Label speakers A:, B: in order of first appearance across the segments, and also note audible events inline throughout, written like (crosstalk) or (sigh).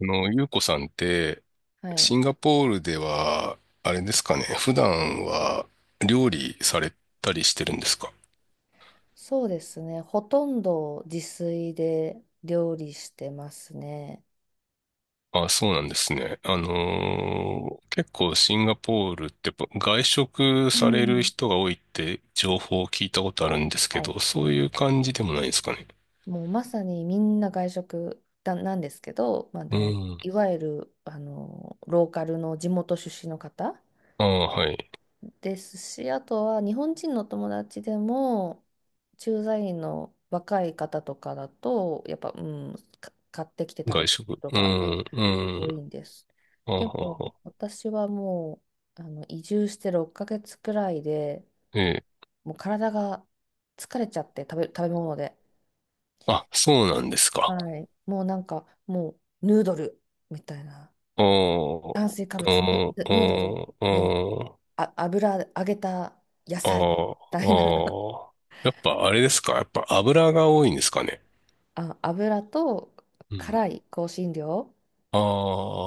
A: ゆうこさんって、
B: はい。
A: シンガポールでは、あれですかね、普段は料理されたりしてるんですか？
B: そうですね。ほとんど自炊で料理してますね。
A: あ、そうなんですね。結構シンガポールってやっぱ外食
B: う
A: される
B: ん。
A: 人が多いって情報を聞いたことあるんですけ
B: はい。
A: ど、そういう感じでもないですかね？
B: もうまさにみんな外食だなんですけど、まあ、で
A: う
B: も
A: ん。
B: いわゆるローカルの地元出身の方
A: ああ、はい。
B: ですし、あとは日本人の友達でも駐在員の若い方とかだと、やっぱ、うん、買ってきて食べ
A: 外
B: る
A: 食。
B: 人
A: う
B: が、うん、
A: ん、う
B: 多
A: ん。
B: いんです。
A: あは
B: でも
A: は。
B: 私はもう移住して6ヶ月くらいで
A: ええ。
B: もう体が疲れちゃって食べ物で、
A: あ、そうなんですか？
B: はい、もうなんかもうヌードルみたいな
A: ああ、
B: 炭水化
A: あ
B: 物、ヌ、
A: あ、
B: ヌ
A: あ
B: ヌードル、
A: あ、
B: ね、
A: ああ。
B: あ、油揚げた野
A: あ
B: 菜み
A: あ、
B: たいな。
A: ああ。やっぱあれですか？やっぱ油が多いんですかね？
B: (laughs) 油と
A: うん。
B: 辛い香辛料
A: ああ、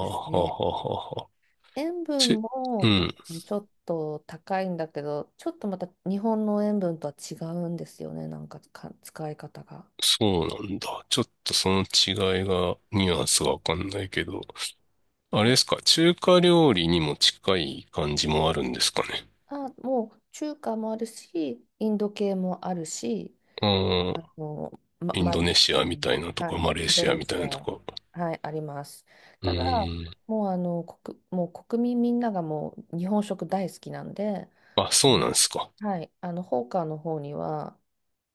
B: ですね。
A: ははは。
B: 塩分
A: ち、
B: も
A: う
B: 多
A: ん。
B: 分ちょっと高いんだけど、ちょっとまた日本の塩分とは違うんですよね。なんか、使い方が。
A: そうなんだ。ちょっとその違いが、ニュアンスがわかんないけど。あれですか、中華料理にも近い感じもあるんですかね？
B: もう中華もあるし、インド系もあるし、
A: うん。イン
B: マ
A: ド
B: リ
A: ネシ
B: 系
A: アみた
B: も、
A: いなと
B: は
A: か、
B: い、
A: マレー
B: インド
A: シア
B: ネ
A: みたい
B: シ
A: なと
B: ア、
A: か。
B: はい、あります。
A: う
B: ただ、
A: ーん。
B: もうもう国民みんながもう日本食大好きなんで、
A: あ、
B: あ
A: そう
B: の
A: なんですか？
B: はい、ホーカーの方には、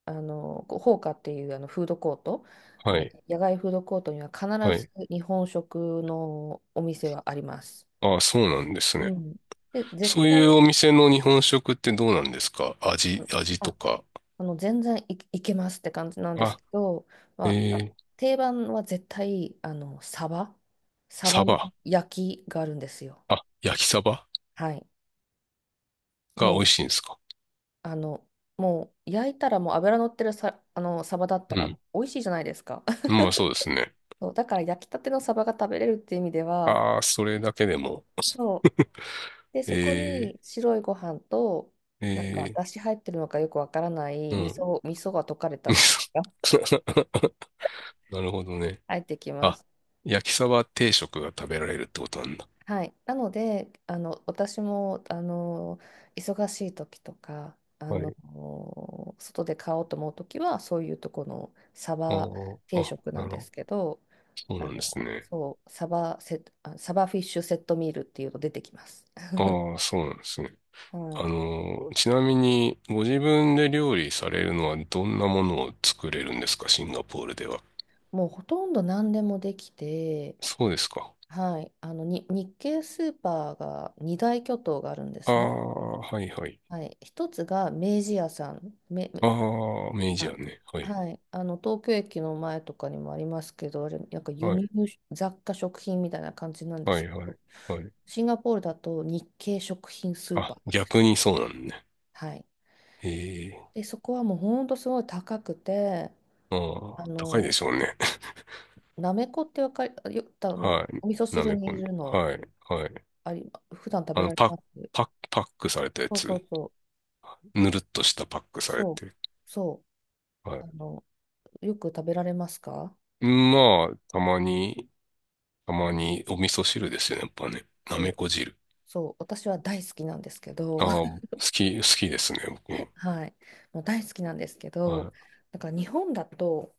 B: こうホーカっていうフードコート、
A: はい。
B: 野外フードコートには必
A: は
B: ず
A: い。
B: 日本食のお店はあります。
A: あ、そうなんです
B: う
A: ね。
B: ん。で、絶
A: そういう
B: 対、
A: お店の日本食ってどうなんですか？
B: う
A: 味、
B: ん。
A: 味と
B: あ、
A: か。
B: 全然いけますって感じなんです
A: あ、
B: けど、
A: え
B: まあ、
A: ー、
B: 定番は絶対、サ
A: サ
B: バの
A: バ。
B: 焼きがあるんですよ。
A: あ、焼きサバ
B: はい。
A: が美味
B: も
A: しいんですか？
B: う、あの、もう、焼いたら、もう油乗ってるさ、あの、サバだった
A: う
B: ら
A: ん。
B: 美味しいじゃないですか。(laughs)
A: まあそうですね。
B: そう、だから焼きたてのサバが食べれるっていう意味では、
A: ああ、それだけでも。
B: そう。
A: (laughs)
B: で、そこ
A: え
B: に白いご飯と、
A: ー、
B: なんか、
A: え
B: だし入ってるのかよくわからな
A: ー、
B: い
A: うん。
B: 味噌が溶かれたスープが
A: (laughs) なるほどね。
B: 入ってきま
A: あ、
B: す。
A: 焼きサバ定食が食べられるってことなんだ。
B: はい。なので、私も、忙しい時とか、
A: はい。
B: 外で買おうと思う時は、そういうとこのサ
A: あ
B: バ
A: ー
B: 定
A: あ、
B: 食な
A: な
B: ん
A: るほ
B: で
A: ど。
B: すけど、
A: そうなんですね。
B: そう、サバフィッシュセットミールっていうの出てきます。
A: ああ、そうなんですね。
B: はい。
A: ちなみに、ご自分で料理されるのはどんなものを作れるんですか、シンガポールでは？
B: もうほとんど何でもできて、
A: そうですか。
B: はい、あのに日系スーパーが二大巨頭があるんで
A: あ
B: すね。
A: あ、はいはい。
B: はい、一つが明治屋さん、
A: ああ、明治
B: あ、
A: やね。はい。
B: はい、東京駅の前とかにもありますけど、あれ、なんか輸
A: はい、
B: 入雑貨食品みたいな感じなんで
A: は
B: す
A: い、
B: け
A: はい、
B: ど、
A: はい。
B: シンガポールだと日系食品スーパ
A: あ、
B: ーです。
A: 逆にそうなんね。
B: はい。
A: ええ、
B: で、そこはもう本当すごい高くて、
A: あ
B: あ
A: あ、高いで
B: の、
A: しょうね。
B: なめこってわかり、よ、あ
A: (laughs)
B: の、
A: は
B: お味噌
A: い。な
B: 汁
A: め
B: に
A: こ
B: い
A: ね。
B: るの、
A: はい、はい。
B: あり、普段食
A: あ
B: べら
A: の、
B: れ
A: パッ、
B: ます。
A: パックされたや
B: そうそ
A: つ。
B: うそう。
A: ぬるっとしたパックされ
B: そう、
A: て。
B: そう、あ
A: は
B: の、よく食べられますか？
A: い。まあ、たまにお味噌汁ですよね、やっぱね。な
B: そ
A: め
B: う、
A: こ汁。
B: そう、私は大好きなんですけ
A: あ
B: ど、
A: あ、好きですね、僕も。
B: (laughs) はい、もう大好きなんですけど、
A: は
B: なんか日本だと、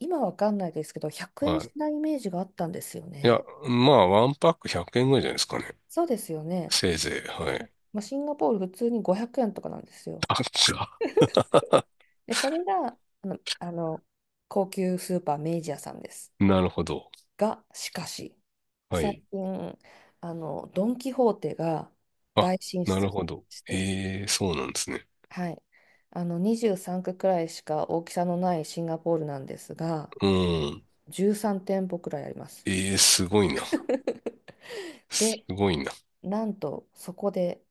B: 今わかんないですけど、100
A: い。
B: 円
A: は
B: し
A: い。
B: ないイメージがあったんですよ
A: いや、
B: ね。
A: まあ、ワンパック100円ぐらいじゃないですかね。
B: そうですよね。
A: せいぜい。はい。
B: まあ、シンガポール普通に500円とかなんですよ。
A: あ、そうか、
B: で、それが、高級スーパー明治屋さんです。
A: なるほど。
B: が、しかし、
A: は
B: 最
A: い。
B: 近、ドン・キホーテが
A: あ、
B: 大進
A: なる
B: 出
A: ほど。
B: して、
A: ええ、そうなんですね。
B: はい。23区くらいしか大きさのないシンガポールなんですが、
A: うん。
B: 13店舗くらいあります。
A: ええ、すごいな。
B: (laughs)
A: す
B: で、
A: ごいな。
B: なんとそこで、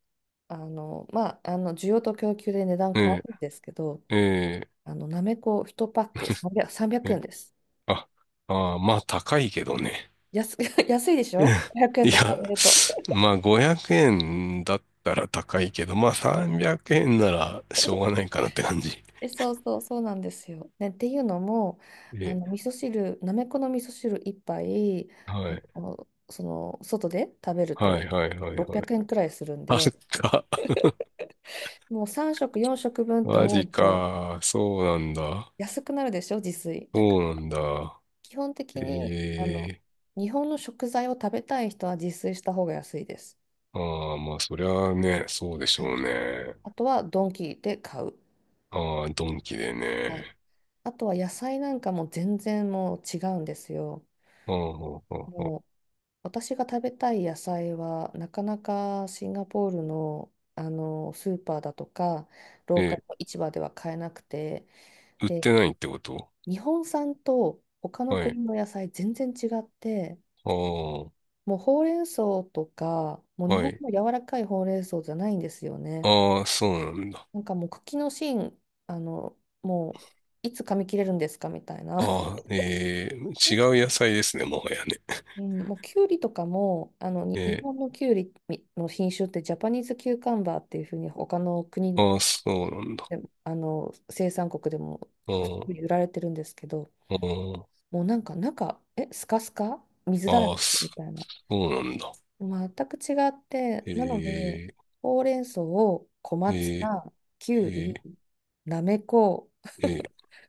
B: まあ、需要と供給で値段変わ
A: え
B: るんですけど、
A: え、え
B: なめこ1パック300、3
A: え、
B: 円です。
A: あ、まあ、高いけどね。
B: 安、(laughs) 安いでし
A: うん、い
B: ょ？ 500 円と比
A: や、
B: べると。
A: まあ、500円だったら高いけど、まあ、300円ならしょうがないかなって感じ。
B: え、そうそう、そうなんですよ。ね、っていうのも、
A: ええ、
B: 味噌汁、なめこの味噌汁一杯、
A: はい。
B: その外で食べる
A: は
B: と
A: いはいはいは
B: 600
A: い。
B: 円くえんくらいするん
A: あっ
B: で、
A: た。
B: もう3食、4食分って
A: マ
B: 思
A: ジ
B: うと
A: か。そうなんだ。
B: 安くなるでしょ、自炊。だか
A: そう
B: ら
A: なんだ。
B: 基本
A: え
B: 的に
A: えー
B: 日本の食材を食べたい人は自炊した方が安いです。
A: ああ、まあそりゃあね、そうでし
B: は
A: ょ
B: い、
A: うね。
B: あとはドンキで買う。
A: ああ、ドンキで
B: はい、
A: ね。
B: あとは野菜なんかも全然もう違うんですよ。
A: ああ、はあはあは
B: もう私が食べたい野菜は、なかなかシンガポールの、スーパーだとか、ロ
A: あ
B: ーカルの市場では買えなくて、
A: 売っ
B: で、
A: てないってこと？
B: 日本産と他の
A: は
B: 国
A: い。
B: の野菜全然違って、
A: ああ、
B: もうほうれん草とか、もう日
A: は
B: 本
A: い。
B: の柔らかいほうれん草じゃないんですよね。
A: ああ、そうなんだ。
B: なんかもう茎の芯、あの、もういつ噛み切れるんですかみたいな。
A: ああ、ええー
B: (laughs)
A: 違う野菜ですね、もはやね。
B: うん、もうキュウリとかもあのに日
A: え
B: 本のキュウリの品種ってジャパニーズキューカンバーっていうふうに他の
A: ー
B: 国
A: ああ、そうなんだ。
B: でも生産国でも
A: あ
B: 普通に売られてるんですけど、
A: あ、あ
B: もうなんか中スカスカ水だら
A: あ、あ
B: け
A: あ、
B: み
A: そ
B: たいな
A: うなんだ。
B: 全く違って、なので
A: ええ
B: ほうれん草を小松
A: ええ
B: 菜、キ
A: え
B: ュウ
A: ー、
B: リ、なめこ、
A: えー、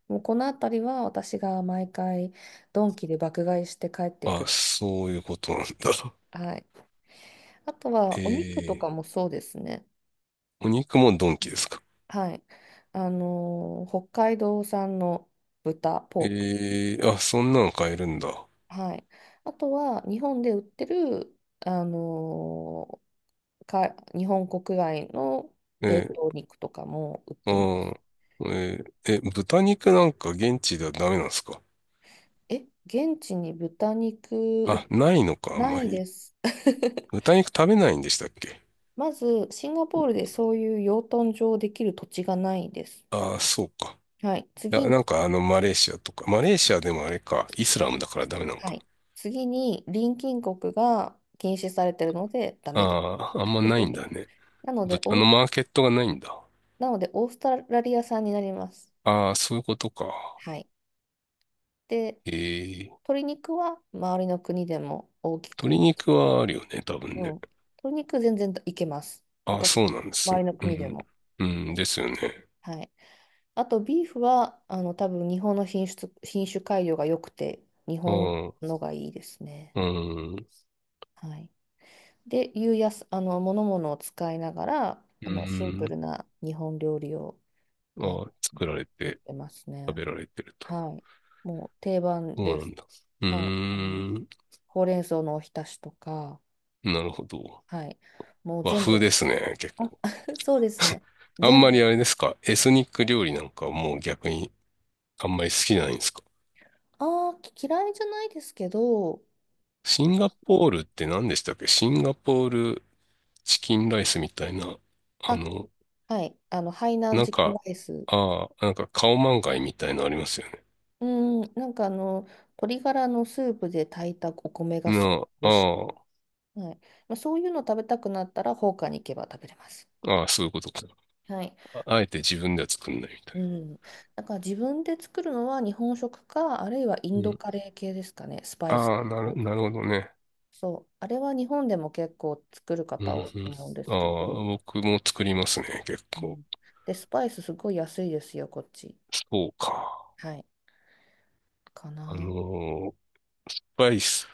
B: もうこの辺りは私が毎回ドンキで爆買いして帰ってく
A: あ、
B: る。
A: そういうことなんだ。
B: はい、あと
A: (laughs)
B: はお肉と
A: えー、
B: かもそうですね。
A: お肉もドンキですか？
B: はい。北海道産の豚、ポーク。
A: えー、あ、そんなの買えるんだ。
B: はい。あとは、日本で売ってる、あのーか、日本国外の
A: え
B: 冷
A: ー、
B: 凍肉とかも売っ
A: あ
B: てます。
A: えー、え、豚肉なんか現地ではダメなんですか？
B: え、現地に豚肉
A: あ、ないのか、あん
B: な
A: ま
B: い
A: り。
B: です。(laughs)
A: 豚肉食べないんでしたっけ？
B: まず、シンガポールでそういう養豚場できる土地がないです。
A: ああそうか。
B: はい。
A: いや、
B: 次に、
A: なんかマレーシアとか。マレーシアでもあれか、イスラムだからダメなの
B: は
A: か
B: い。次に、隣近国が禁止されてるので、ダ
A: な。
B: メです。
A: ああ、あんまないんだね。
B: なので、
A: 豚
B: オ
A: の
B: ース
A: マーケットがないんだ。
B: なので、オーストラリア産になります。
A: ああ、そういうことか。
B: はい。で、
A: ええ、
B: 鶏肉は周りの国でも大きく、
A: 鶏
B: 大き
A: 肉
B: く
A: はあるよね、多分
B: う
A: ね。
B: ん。鶏肉全然いけます。
A: あ、
B: 他の
A: そうなんです
B: 周
A: ね。
B: りの
A: う
B: 国で
A: ん。
B: も。
A: う
B: う
A: ん、
B: ん、
A: ですよね。
B: はい。あと、ビーフは、多分日本の品質、品種改良が良くて、日
A: あ
B: 本
A: あ、
B: のがいいですね。
A: うん、
B: はい。で、いうやす、あの、ものを使いながら、
A: う
B: シンプ
A: ん。
B: ルな日本料理を、あの、
A: ああ、作られ
B: 売っ
A: て、
B: てます
A: 食
B: ね。
A: べられてると。
B: はい。もう定番
A: そ
B: で
A: うなん
B: す。
A: だ。う
B: はい、
A: ーん、
B: ほうれん草のおひたしとか、
A: なるほど。
B: はい、もう
A: 和
B: 全
A: 風
B: 部、
A: ですね、結
B: あ、
A: 構。
B: (laughs) そうですね、
A: あん
B: 全
A: ま
B: 部、
A: りあれですか、エスニック料理なんかもう逆にあんまり好きじゃないんですか？
B: ああ、嫌いじゃないですけど、
A: シンガポールって何でしたっけ？シンガポールチキンライスみたいな、あ
B: あ、
A: の、
B: はい、ハイナン
A: なん
B: チキン
A: か、
B: ライス、
A: ああ、なんかカオマンガイみたいのありますよね。
B: うん、なんか鶏ガラのスープで炊いたお米がする、
A: なあ、あ
B: はい、まあ、そういうの食べたくなったら、放火に行けば食べれます。
A: あ、ああ、そういうことか。
B: はい、
A: ああえて自分では作んないみたい
B: うん、だから自分で作るのは日本食か、あるいはイ
A: な。
B: ン
A: う
B: ド
A: ん。
B: カレー系ですかね、スパイス
A: ああ、な
B: 系。
A: る、なるほどね。
B: そう、あれは日本でも結構作る
A: うん、う
B: 方多いと
A: ん。
B: 思うんで
A: あ
B: すけど、
A: あ、僕も作りますね、結
B: う
A: 構。
B: ん、で、スパイスすごい安いですよ、こっち。
A: そうか。
B: はい、か
A: あの
B: な。
A: ースパイス、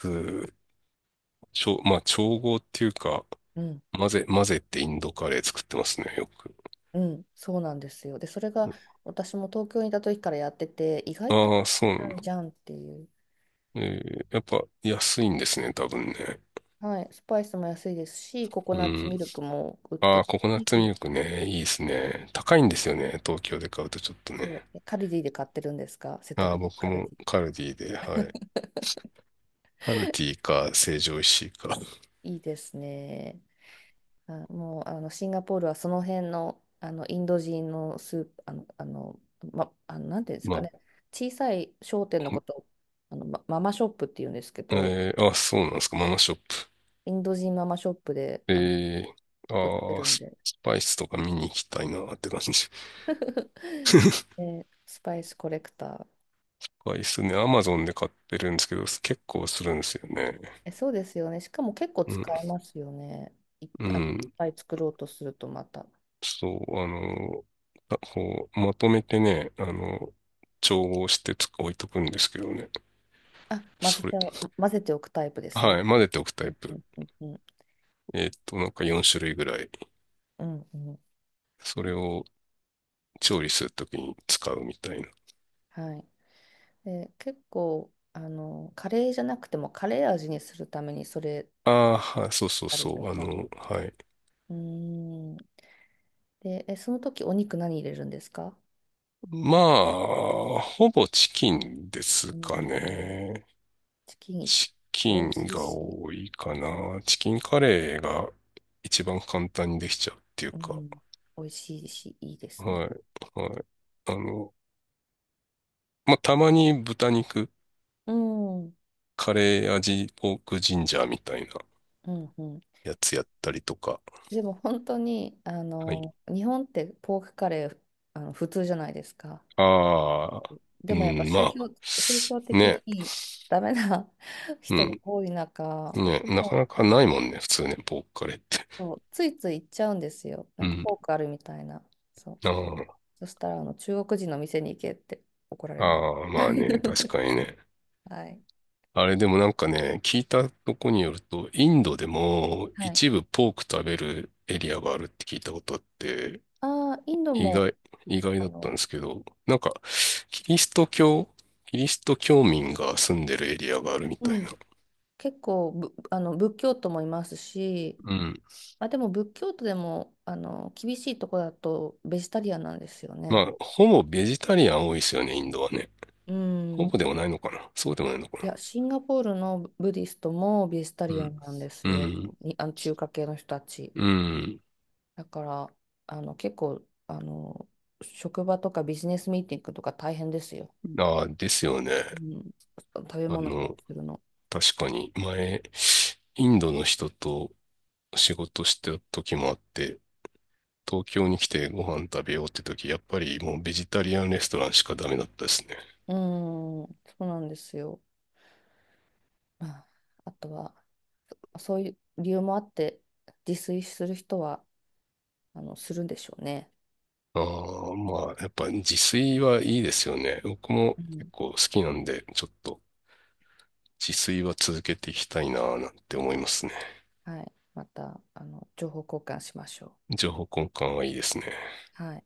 A: まあ、調合っていうか、
B: うん、
A: 混ぜってインドカレー作ってますね、よく。
B: うん、そうなんですよ。で、それが私も東京にいた時からやってて、意外と
A: ああ、そ
B: 簡
A: うなん
B: 単
A: だ。
B: じゃんっていう。
A: えーやっぱ安いんですね、多分ね。
B: はい、スパイスも安いですし、ココ
A: う
B: ナッツミ
A: ん。
B: ルクも売っ
A: あ
B: て
A: あ、
B: る
A: ココナッツミ
B: し、
A: ルクね、いいですね。高いんですよね、東京で買うとちょっと
B: そ
A: ね。
B: う、カルディで買ってるんですか、せっか
A: ああ、
B: く
A: 僕
B: カルデ
A: も
B: ィ。
A: カルディで、はい。カルディか、成城石井か。(laughs)
B: いいですね。もうシンガポールはその辺の、インド人のスーあの、あの、ま、あのなんていうんです
A: ま
B: か
A: あ、
B: ね、小さい商店のことをママショップっていうんですけど、
A: えー、あ、そうなんですか、ママショッ
B: インド人ママショップで
A: プ？えー、
B: 売ってるん
A: ス
B: で、
A: スパイスとか見に行きたいなって感じ。ス
B: (laughs) でスパイスコレクター。
A: パイスね、アマゾンで買ってるんですけど、結構するんですよね。
B: え、そうですよね。しかも結構
A: うん、
B: 使えますよね。いっ
A: う
B: ぱい、
A: ん。
B: いっぱい作ろうとするとまた。
A: そう、あこう、まとめてね、調合して置いとくんですけどね。
B: あ、混ぜ
A: それ、
B: ちゃう、混ぜておくタイプですね。
A: はい、混ぜておくタ
B: う
A: イ
B: んう
A: プ。
B: んうんうん。
A: なんか4種類ぐらい。
B: うんうん。
A: それを調理するときに使うみたいな。
B: はい。で、結構、カレーじゃなくてもカレー味にするためにそれ
A: ああ、はい、そうそう
B: たり
A: そ
B: と
A: う、
B: か。
A: はい。
B: うーん。で、その時お肉何入れるんですか？
A: まあ、ほぼチキンです
B: う
A: か
B: ん。
A: ね。
B: チキン
A: チ
B: 美
A: キン
B: 味しい
A: が
B: し、
A: 多いかな。チキンカレーが一番簡単にできちゃうっていう
B: う
A: か。
B: ん。美味しいし、いいですね。
A: はい、はい。あの、まあ、たまに豚肉、
B: うん。う
A: カレー味、ポークジンジャーみたいな
B: ん、うん。
A: やつやったりとか。
B: でも本当に、
A: はい。
B: 日本ってポークカレー、普通じゃないですか。
A: ああ、う
B: でもやっぱ
A: ん、まあ、
B: 宗教的
A: ね。
B: にダメな (laughs)
A: う
B: 人が
A: ん。
B: 多い中、
A: ね、なかなかないもんね、普通ね、ポークカレーって。
B: そう、ついつい行っちゃうんですよ。
A: (laughs) う
B: なんか
A: ん。
B: フォークあるみたいな。そう。
A: あ
B: そしたら、中国人の店に行けって怒ら
A: あ、
B: れます。
A: ああ、まあね、確
B: (laughs)
A: かにね。
B: はい。
A: あれでもなんかね、聞いたとこによると、インドでも
B: はい。
A: 一部ポーク食べるエリアがあるって聞いたことあって、
B: ああ、インド
A: 意
B: も、
A: 外、意外
B: あ
A: だったん
B: の、
A: ですけど、なんか、キリスト教、キリスト教民が住んでるエリアがあるみ
B: う
A: たいな。
B: ん、結構ぶ、あの、仏教徒もいますし、
A: うん。
B: まあ、でも仏教徒でも、厳しいとこだとベジタリアンなんですよ
A: ま
B: ね。
A: あ、ほぼベジタリアン多いですよね、インドはね。
B: う
A: ほ
B: ん。
A: ぼでもないのかな？そうでもないのか
B: い
A: な？
B: や、シンガポールのブディストもベジタ
A: う
B: リア
A: ん。
B: ンなんです
A: う
B: よ。
A: ん。
B: に、中華系の人たち。
A: うん。
B: だから、結構、職場とかビジネスミーティングとか大変ですよ。
A: ああ、ですよね。
B: うん、食べ
A: あ
B: 物用
A: の、
B: 意するの。
A: 確かに、前、インドの人と仕事してた時もあって、東京に来てご飯食べようって時、やっぱりもうベジタリアンレストランしかダメだったですね。
B: うん、そうなんですよ。まあ、あとは、そういう理由もあって、自炊する人は、するんでしょうね。
A: ああ、まあ、やっぱ自炊はいいですよね。僕も
B: うん、
A: 結構好きなんで、ちょっと自炊は続けていきたいな、なんて思いますね。
B: はい。また、情報交換しましょ
A: 情報交換はいいですね。
B: う。はい。